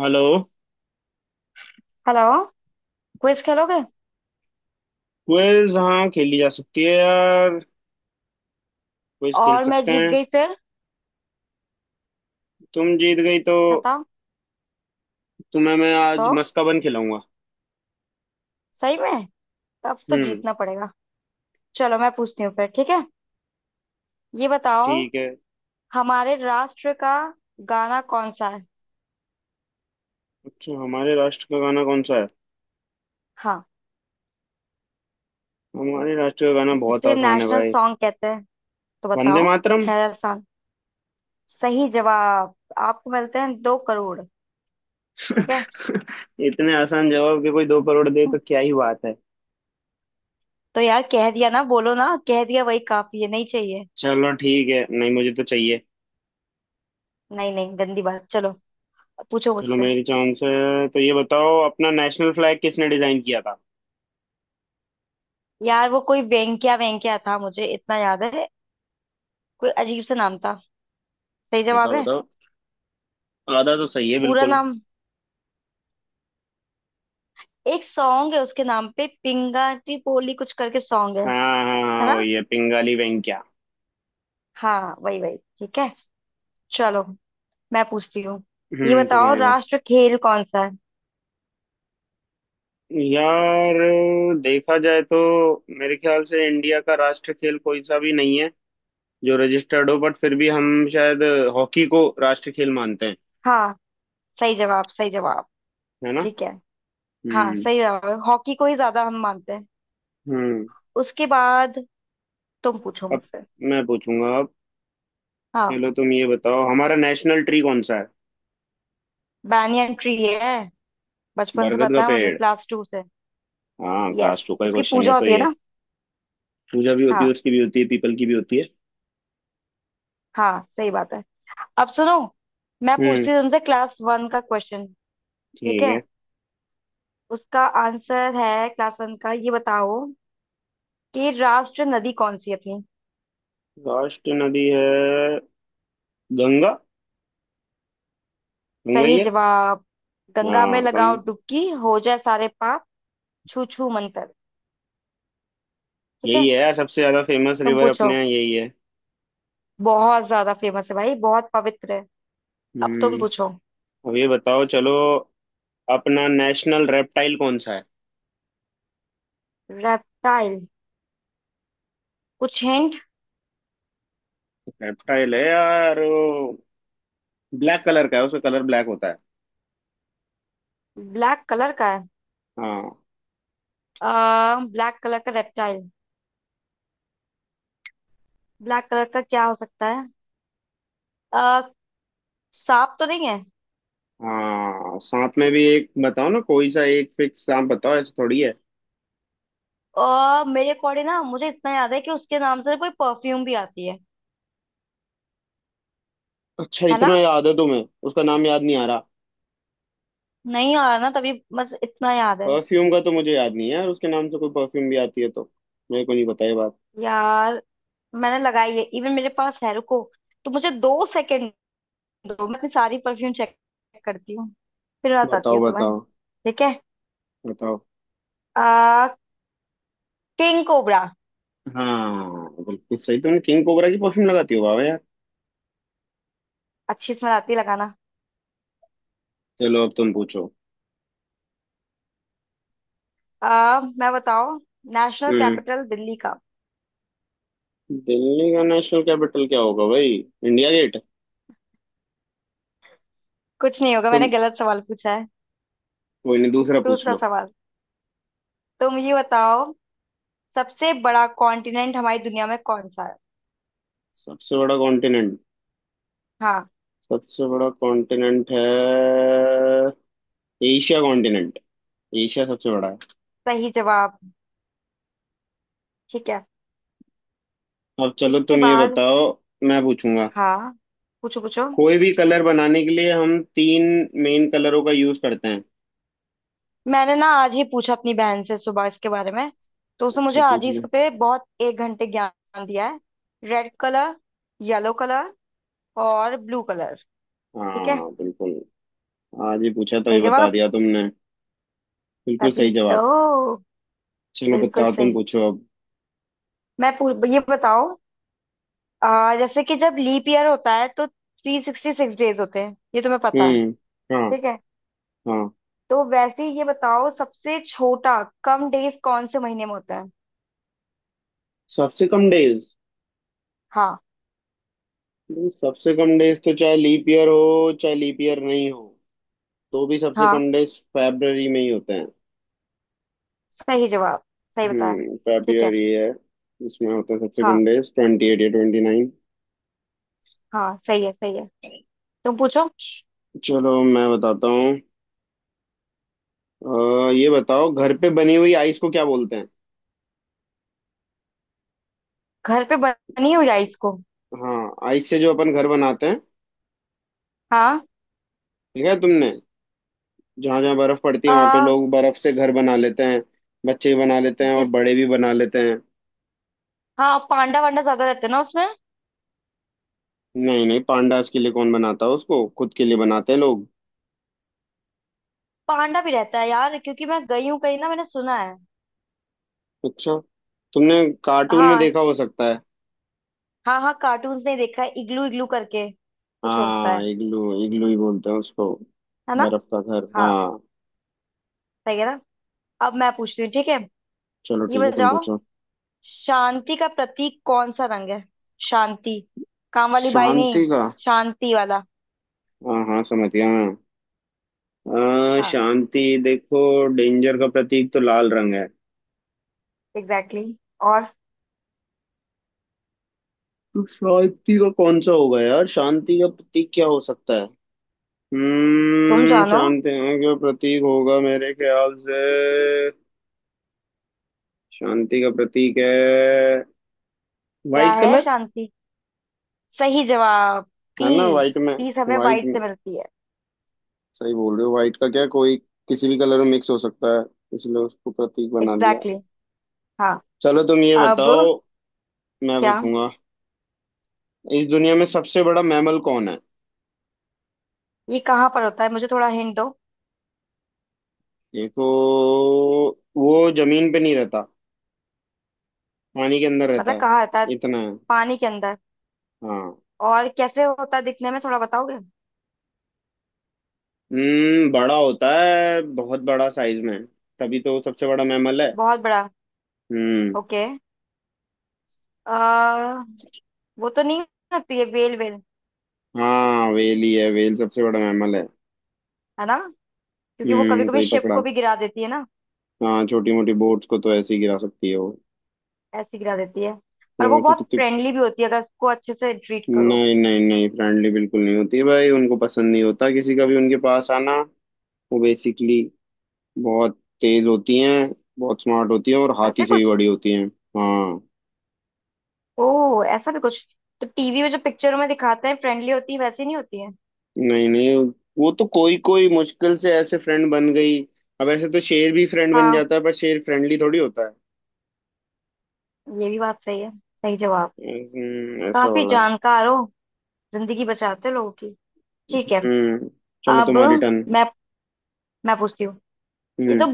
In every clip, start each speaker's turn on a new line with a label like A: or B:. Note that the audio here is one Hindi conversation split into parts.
A: हेलो।
B: हेलो। क्विज खेलोगे?
A: क्विज हाँ खेली जा सकती है यार। क्विज खेल
B: और मैं
A: सकते
B: जीत
A: हैं।
B: गई फिर,
A: तुम जीत गई तो
B: बताओ।
A: तुम्हें मैं
B: तो
A: आज मस्काबन खिलाऊंगा।
B: सही में तब तो
A: हम्म।
B: जीतना पड़ेगा। चलो मैं पूछती हूँ फिर, ठीक है। ये बताओ,
A: ठीक है।
B: हमारे राष्ट्र का गाना कौन सा है?
A: अच्छा हमारे राष्ट्र का गाना कौन सा है।
B: हाँ,
A: हमारे राष्ट्र का गाना बहुत
B: जिसे
A: आसान है
B: नेशनल
A: भाई।
B: सॉन्ग कहते हैं, तो
A: वंदे
B: बताओ।
A: मातरम।
B: है आसान। सही जवाब आपको मिलते हैं 2 करोड़। ठीक है।
A: इतने आसान जवाब के कोई 2 करोड़ दे तो
B: हम्म,
A: क्या ही बात है।
B: तो यार, कह दिया ना, बोलो ना, कह दिया वही काफी है, नहीं चाहिए।
A: चलो ठीक है, नहीं मुझे तो चाहिए।
B: नहीं नहीं, गंदी बात। चलो, पूछो
A: चलो
B: मुझसे।
A: मेरी चांस है तो ये बताओ, अपना नेशनल फ्लैग किसने डिजाइन किया था।
B: यार वो कोई वेंक्या वेंक्या था, मुझे इतना याद है। कोई अजीब सा नाम था। सही जवाब
A: बताओ
B: है
A: बताओ। आधा तो सही है
B: पूरा
A: बिल्कुल।
B: नाम। एक सॉन्ग है उसके नाम पे, पिंगाटी पोली कुछ करके सॉन्ग है
A: हाँ हाँ
B: है
A: हाँ,
B: ना?
A: वही है पिंगाली वेंकैया।
B: हाँ वही वही, ठीक है। चलो मैं पूछती हूँ। ये
A: हम्म,
B: बताओ,
A: तुम्हारे में।
B: राष्ट्र खेल कौन सा है?
A: यार देखा जाए तो, मेरे ख्याल से इंडिया का राष्ट्र खेल कोई सा भी नहीं है जो रजिस्टर्ड हो, बट फिर भी हम शायद हॉकी को राष्ट्र खेल मानते हैं।
B: हाँ, सही जवाब, सही जवाब।
A: है ना।
B: ठीक है। हाँ
A: हम्म।
B: सही जवाब है, हॉकी को ही ज्यादा हम मानते हैं।
A: हम्म,
B: उसके बाद तुम पूछो
A: अब
B: मुझसे।
A: मैं पूछूंगा अब।
B: हाँ,
A: चलो तुम ये बताओ, हमारा नेशनल ट्री कौन सा है।
B: बनियन ट्री है, बचपन से
A: बरगद का
B: पता है मुझे
A: पेड़।
B: क्लास 2 से।
A: हाँ
B: यस,
A: क्लास 2 का
B: उसकी
A: क्वेश्चन है
B: पूजा
A: तो
B: होती है
A: ये।
B: ना?
A: पूजा भी होती
B: हाँ,
A: है, उसकी भी होती है, पीपल की भी होती है।
B: हाँ सही बात है। अब सुनो, मैं
A: हम्म।
B: पूछती हूँ तुमसे क्लास 1 का क्वेश्चन। ठीक
A: ठीक
B: है,
A: है।
B: उसका आंसर है क्लास 1 का। ये बताओ कि राष्ट्र नदी कौन सी है अपनी।
A: राष्ट्र नदी है गंगा, गंगा ही
B: सही
A: है।
B: जवाब। गंगा में
A: हाँ कम।
B: लगाओ डुबकी, हो जाए सारे पाप छू छू मंतर। ठीक
A: यही
B: है,
A: है यार, सबसे ज्यादा फेमस
B: तुम
A: रिवर अपने
B: पूछो।
A: यहाँ यही है।
B: बहुत ज्यादा फेमस है भाई, बहुत पवित्र है। अब तुम
A: हम्म।
B: पूछो।
A: अब ये बताओ चलो, अपना नेशनल रेप्टाइल कौन सा है।
B: रेप्टाइल? कुछ हिंट?
A: रेप्टाइल है यार वो, ब्लैक कलर का है, उसका कलर ब्लैक होता है।
B: ब्लैक कलर का है?
A: हाँ।
B: ब्लैक कलर का रेप्टाइल, ब्लैक कलर का क्या हो सकता है? अ, सांप तो नहीं है?
A: हाँ सांप में भी एक बताओ ना, कोई सा एक फिक्स सांप बताओ, ऐसे थोड़ी है।
B: और मेरे अकॉर्डिंग ना, मुझे इतना याद है कि उसके नाम से कोई परफ्यूम भी आती है
A: अच्छा
B: है ना?
A: इतना याद है तुम्हें। उसका नाम याद नहीं आ रहा।
B: नहीं आ रहा ना, तभी बस इतना याद है।
A: परफ्यूम का तो मुझे याद नहीं है यार, उसके नाम से कोई परफ्यूम भी आती है तो मेरे को नहीं पता ये बात।
B: यार मैंने लगाई है, इवन मेरे पास है, रुको। तो मुझे 2 सेकंड दो, मैं अपनी सारी परफ्यूम चेक करती हूँ, फिर बताती
A: बताओ
B: हूँ तुम्हें।
A: बताओ।
B: ठीक है।
A: बताओ।
B: आ, किंग कोबरा।
A: हाँ बिल्कुल सही, तुमने किंग कोबरा की परफ्यूम लगाती हो बाबा यार।
B: अच्छी स्मेल आती है लगाना।
A: चलो अब तुम पूछो।
B: आ, मैं बताओ, नेशनल
A: हम्म,
B: कैपिटल दिल्ली का?
A: दिल्ली का नेशनल कैपिटल क्या होगा भाई, इंडिया गेट।
B: कुछ नहीं होगा,
A: तुम,
B: मैंने गलत सवाल पूछा है।
A: कोई नहीं दूसरा पूछ
B: दूसरा
A: लो।
B: सवाल, तुम ये बताओ, सबसे बड़ा कॉन्टिनेंट हमारी दुनिया में कौन सा है?
A: सबसे बड़ा कॉन्टिनेंट।
B: हाँ,
A: सबसे बड़ा कॉन्टिनेंट है एशिया कॉन्टिनेंट, एशिया सबसे बड़ा है।
B: सही जवाब। ठीक है,
A: अब चलो
B: इसके
A: तुम ये
B: बाद।
A: बताओ। मैं पूछूंगा।
B: हाँ, पूछो पूछो।
A: कोई भी कलर बनाने के लिए हम तीन मेन कलरों का यूज करते हैं।
B: मैंने ना आज ही पूछा अपनी बहन से सुबह इसके बारे में, तो उसने
A: अच्छा
B: मुझे आज
A: पूछ
B: ही
A: लो।
B: इसके पे बहुत 1 घंटे ज्ञान दिया है। रेड कलर, येलो कलर और ब्लू कलर। ठीक है,
A: हाँ बिल्कुल। आज ही पूछा तो ये
B: सही
A: बता
B: जवाब।
A: दिया तुमने। बिल्कुल
B: तभी
A: सही
B: तो।
A: जवाब। चलो
B: बिल्कुल
A: बताओ, तुम
B: सही।
A: पूछो अब।
B: मैं पूछ ये बताओ, जैसे कि जब लीप ईयर होता है तो 366 डेज होते हैं, ये तुम्हें पता है।
A: हम्म। हाँ।
B: ठीक है,
A: हाँ।
B: तो वैसे ही ये बताओ, सबसे छोटा कम डेज कौन से महीने में होता है?
A: सबसे कम डेज।
B: हाँ,
A: सबसे कम डेज तो, चाहे लीप ईयर हो चाहे लीप ईयर नहीं हो, तो भी सबसे
B: हाँ
A: कम डेज फरवरी में ही होते हैं।
B: सही जवाब, सही बताया। ठीक है,
A: फरवरी है। इसमें होता है सबसे
B: हाँ
A: कम डेज 28 या 29।
B: हाँ सही है, सही है। तुम पूछो।
A: चलो मैं बताता हूँ। ये बताओ, घर पे बनी हुई आइस को क्या बोलते हैं।
B: घर पे बनी हुई आइस को?
A: हाँ आइस से जो अपन घर बनाते हैं।
B: हाँ।
A: ठीक है तुमने। जहाँ जहाँ बर्फ पड़ती है वहां पे
B: आ,
A: लोग बर्फ से घर बना लेते हैं। बच्चे भी बना लेते हैं और
B: जिस,
A: बड़े भी बना लेते हैं।
B: हाँ पांडा वांडा ज्यादा रहते हैं ना उसमें?
A: नहीं नहीं, पांडास के लिए कौन बनाता है, उसको खुद के लिए बनाते हैं लोग।
B: पांडा भी रहता है यार, क्योंकि मैं गई हूँ कहीं ना, मैंने सुना है।
A: अच्छा तुमने कार्टून में
B: हाँ,
A: देखा हो सकता है।
B: हाँ हाँ कार्टून्स में देखा है, इग्लू इग्लू करके कुछ होता
A: हाँ
B: है
A: इग्लू इग्लू ही बोलते हैं उसको।
B: है ना?
A: बर्फ का घर
B: हाँ,
A: हाँ।
B: सही है ना? अब मैं पूछती हूँ, ठीक है।
A: चलो
B: ये
A: ठीक है तुम
B: बताओ,
A: पूछो।
B: शांति का प्रतीक कौन सा रंग है? शांति, काम वाली बाई नहीं,
A: शांति का।
B: शांति वाला।
A: हाँ हाँ समझ गया हाँ।
B: हाँ,
A: शांति देखो, डेंजर का प्रतीक तो लाल रंग है,
B: एग्जैक्टली exactly। और,
A: तो शांति का कौन सा होगा यार, शांति का प्रतीक क्या हो सकता है।
B: तुम जानो।
A: शांति का प्रतीक होगा मेरे ख्याल से, शांति का प्रतीक है
B: क्या
A: वाइट
B: है
A: कलर।
B: शांति? सही जवाब,
A: है ना,
B: पीस।
A: वाइट में।
B: पीस हमें
A: वाइट
B: वाइट
A: में
B: से मिलती है।
A: सही बोल रहे हो, वाइट का क्या, कोई किसी भी कलर में मिक्स हो सकता है, इसलिए उसको प्रतीक बना दिया।
B: Exactly exactly। हाँ,
A: चलो तुम ये
B: अब
A: बताओ। मैं
B: क्या?
A: पूछूंगा। इस दुनिया में सबसे बड़ा मैमल कौन है।
B: ये कहाँ पर होता है, मुझे थोड़ा हिंट दो।
A: देखो, वो जमीन पे नहीं रहता, पानी के अंदर रहता
B: मतलब
A: है।
B: कहाँ रहता है?
A: इतना है।
B: पानी के अंदर?
A: हाँ।
B: और कैसे होता है दिखने में, थोड़ा बताओगे?
A: बड़ा होता है, बहुत बड़ा साइज में, तभी तो वो सबसे बड़ा मैमल है।
B: बहुत बड़ा?
A: हम्म।
B: ओके। आ, वो तो नहीं होती है, वेल वेल?
A: हाँ वेल ही है, वेल सबसे बड़ा मैमल है।
B: है ना, क्योंकि वो कभी कभी
A: सही
B: शिप
A: पकड़ा।
B: को भी गिरा देती है ना।
A: हाँ छोटी मोटी बोट्स को तो ऐसे ही गिरा सकती है वो।
B: ऐसे गिरा देती है। पर वो
A: तो
B: बहुत
A: कितनी।
B: फ्रेंडली भी होती है अगर उसको अच्छे से ट्रीट करो।
A: नहीं नहीं नहीं, फ्रेंडली बिल्कुल नहीं होती है भाई, उनको पसंद नहीं होता किसी का भी उनके पास आना। वो बेसिकली बहुत तेज होती हैं, बहुत स्मार्ट होती हैं, और हाथी
B: ऐसे
A: से भी
B: कुछ?
A: बड़ी होती हैं। हाँ।
B: ओ ऐसा भी कुछ? तो टीवी में जो पिक्चरों में दिखाते हैं फ्रेंडली होती है, वैसी नहीं होती है।
A: नहीं नहीं, वो तो कोई कोई मुश्किल से ऐसे फ्रेंड बन गई। अब ऐसे तो शेर भी फ्रेंड बन
B: हाँ,
A: जाता है, पर शेर फ्रेंडली थोड़ी होता है।
B: ये भी बात सही है, सही जवाब।
A: ऐसा
B: काफी
A: वाला।
B: जानकार हो, जिंदगी बचाते हो लोगों की। ठीक है।
A: हम्म चलो
B: अब
A: तुम्हारी टर्न।
B: मैं मैं पूछती हूँ। ये तो
A: हम्म।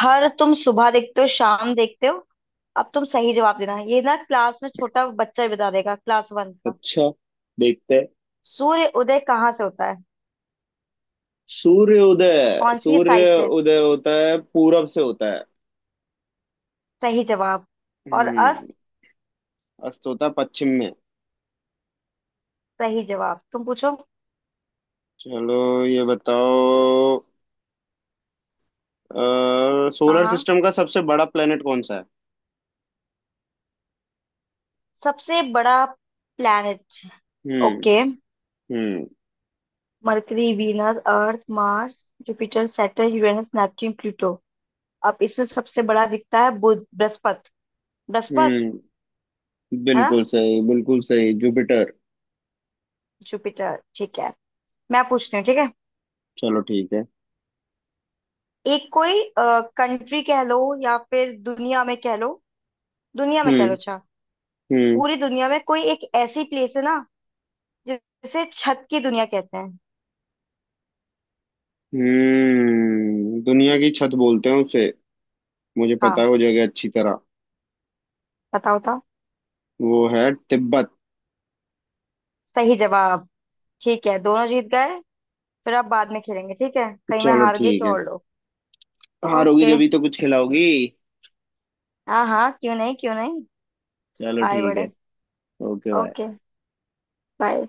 B: हर, तुम सुबह देखते हो, शाम देखते हो। अब तुम सही जवाब देना, ये ना क्लास में छोटा बच्चा ही बता देगा, क्लास 1 का।
A: अच्छा देखते हैं।
B: सूर्य उदय कहाँ से होता है?
A: सूर्य उदय
B: कौन सी
A: सूर्य
B: साइड से?
A: उदय होता है, पूरब से होता है।
B: सही जवाब। और
A: हम्म।
B: अस्त?
A: अस्त होता है पश्चिम में।
B: सही जवाब। तुम पूछो।
A: चलो ये बताओ,
B: हाँ
A: सोलर
B: हाँ,
A: सिस्टम का सबसे बड़ा प्लेनेट कौन सा है।
B: सबसे बड़ा प्लैनेट।
A: हम्म।
B: ओके।
A: हम्म।
B: Mercury, Venus, Earth, Mars, Jupiter, Saturn, Uranus, Neptune, Pluto. अब इसमें सबसे बड़ा दिखता है, बुध, बृहस्पति। बृहस्पति,
A: हम्म
B: है ना?
A: बिल्कुल सही, बिल्कुल सही, जुपिटर।
B: जुपिटर, ठीक है। मैं पूछती हूँ, ठीक है।
A: चलो ठीक है।
B: एक कोई कंट्री कह लो, या फिर दुनिया में कह लो। दुनिया में कह लो,
A: हम्म।
B: अच्छा।
A: हम्म।
B: पूरी दुनिया में कोई एक ऐसी प्लेस है ना, जिसे छत की दुनिया कहते हैं।
A: दुनिया की छत बोलते हैं उसे, मुझे पता
B: हाँ,
A: है वो जगह अच्छी तरह।
B: बताओ था।
A: वो है तिब्बत।
B: सही जवाब। ठीक है, दोनों जीत गए। फिर आप बाद में खेलेंगे, ठीक है? कहीं मैं
A: चलो
B: हार गई
A: ठीक
B: तो
A: है।
B: और लो।
A: हारोगी
B: ओके।
A: जब ही तो कुछ खिलाओगी।
B: हाँ हाँ, क्यों नहीं क्यों नहीं।
A: चलो
B: आए
A: ठीक
B: बड़े।
A: है। Okay bye.
B: Okay bye.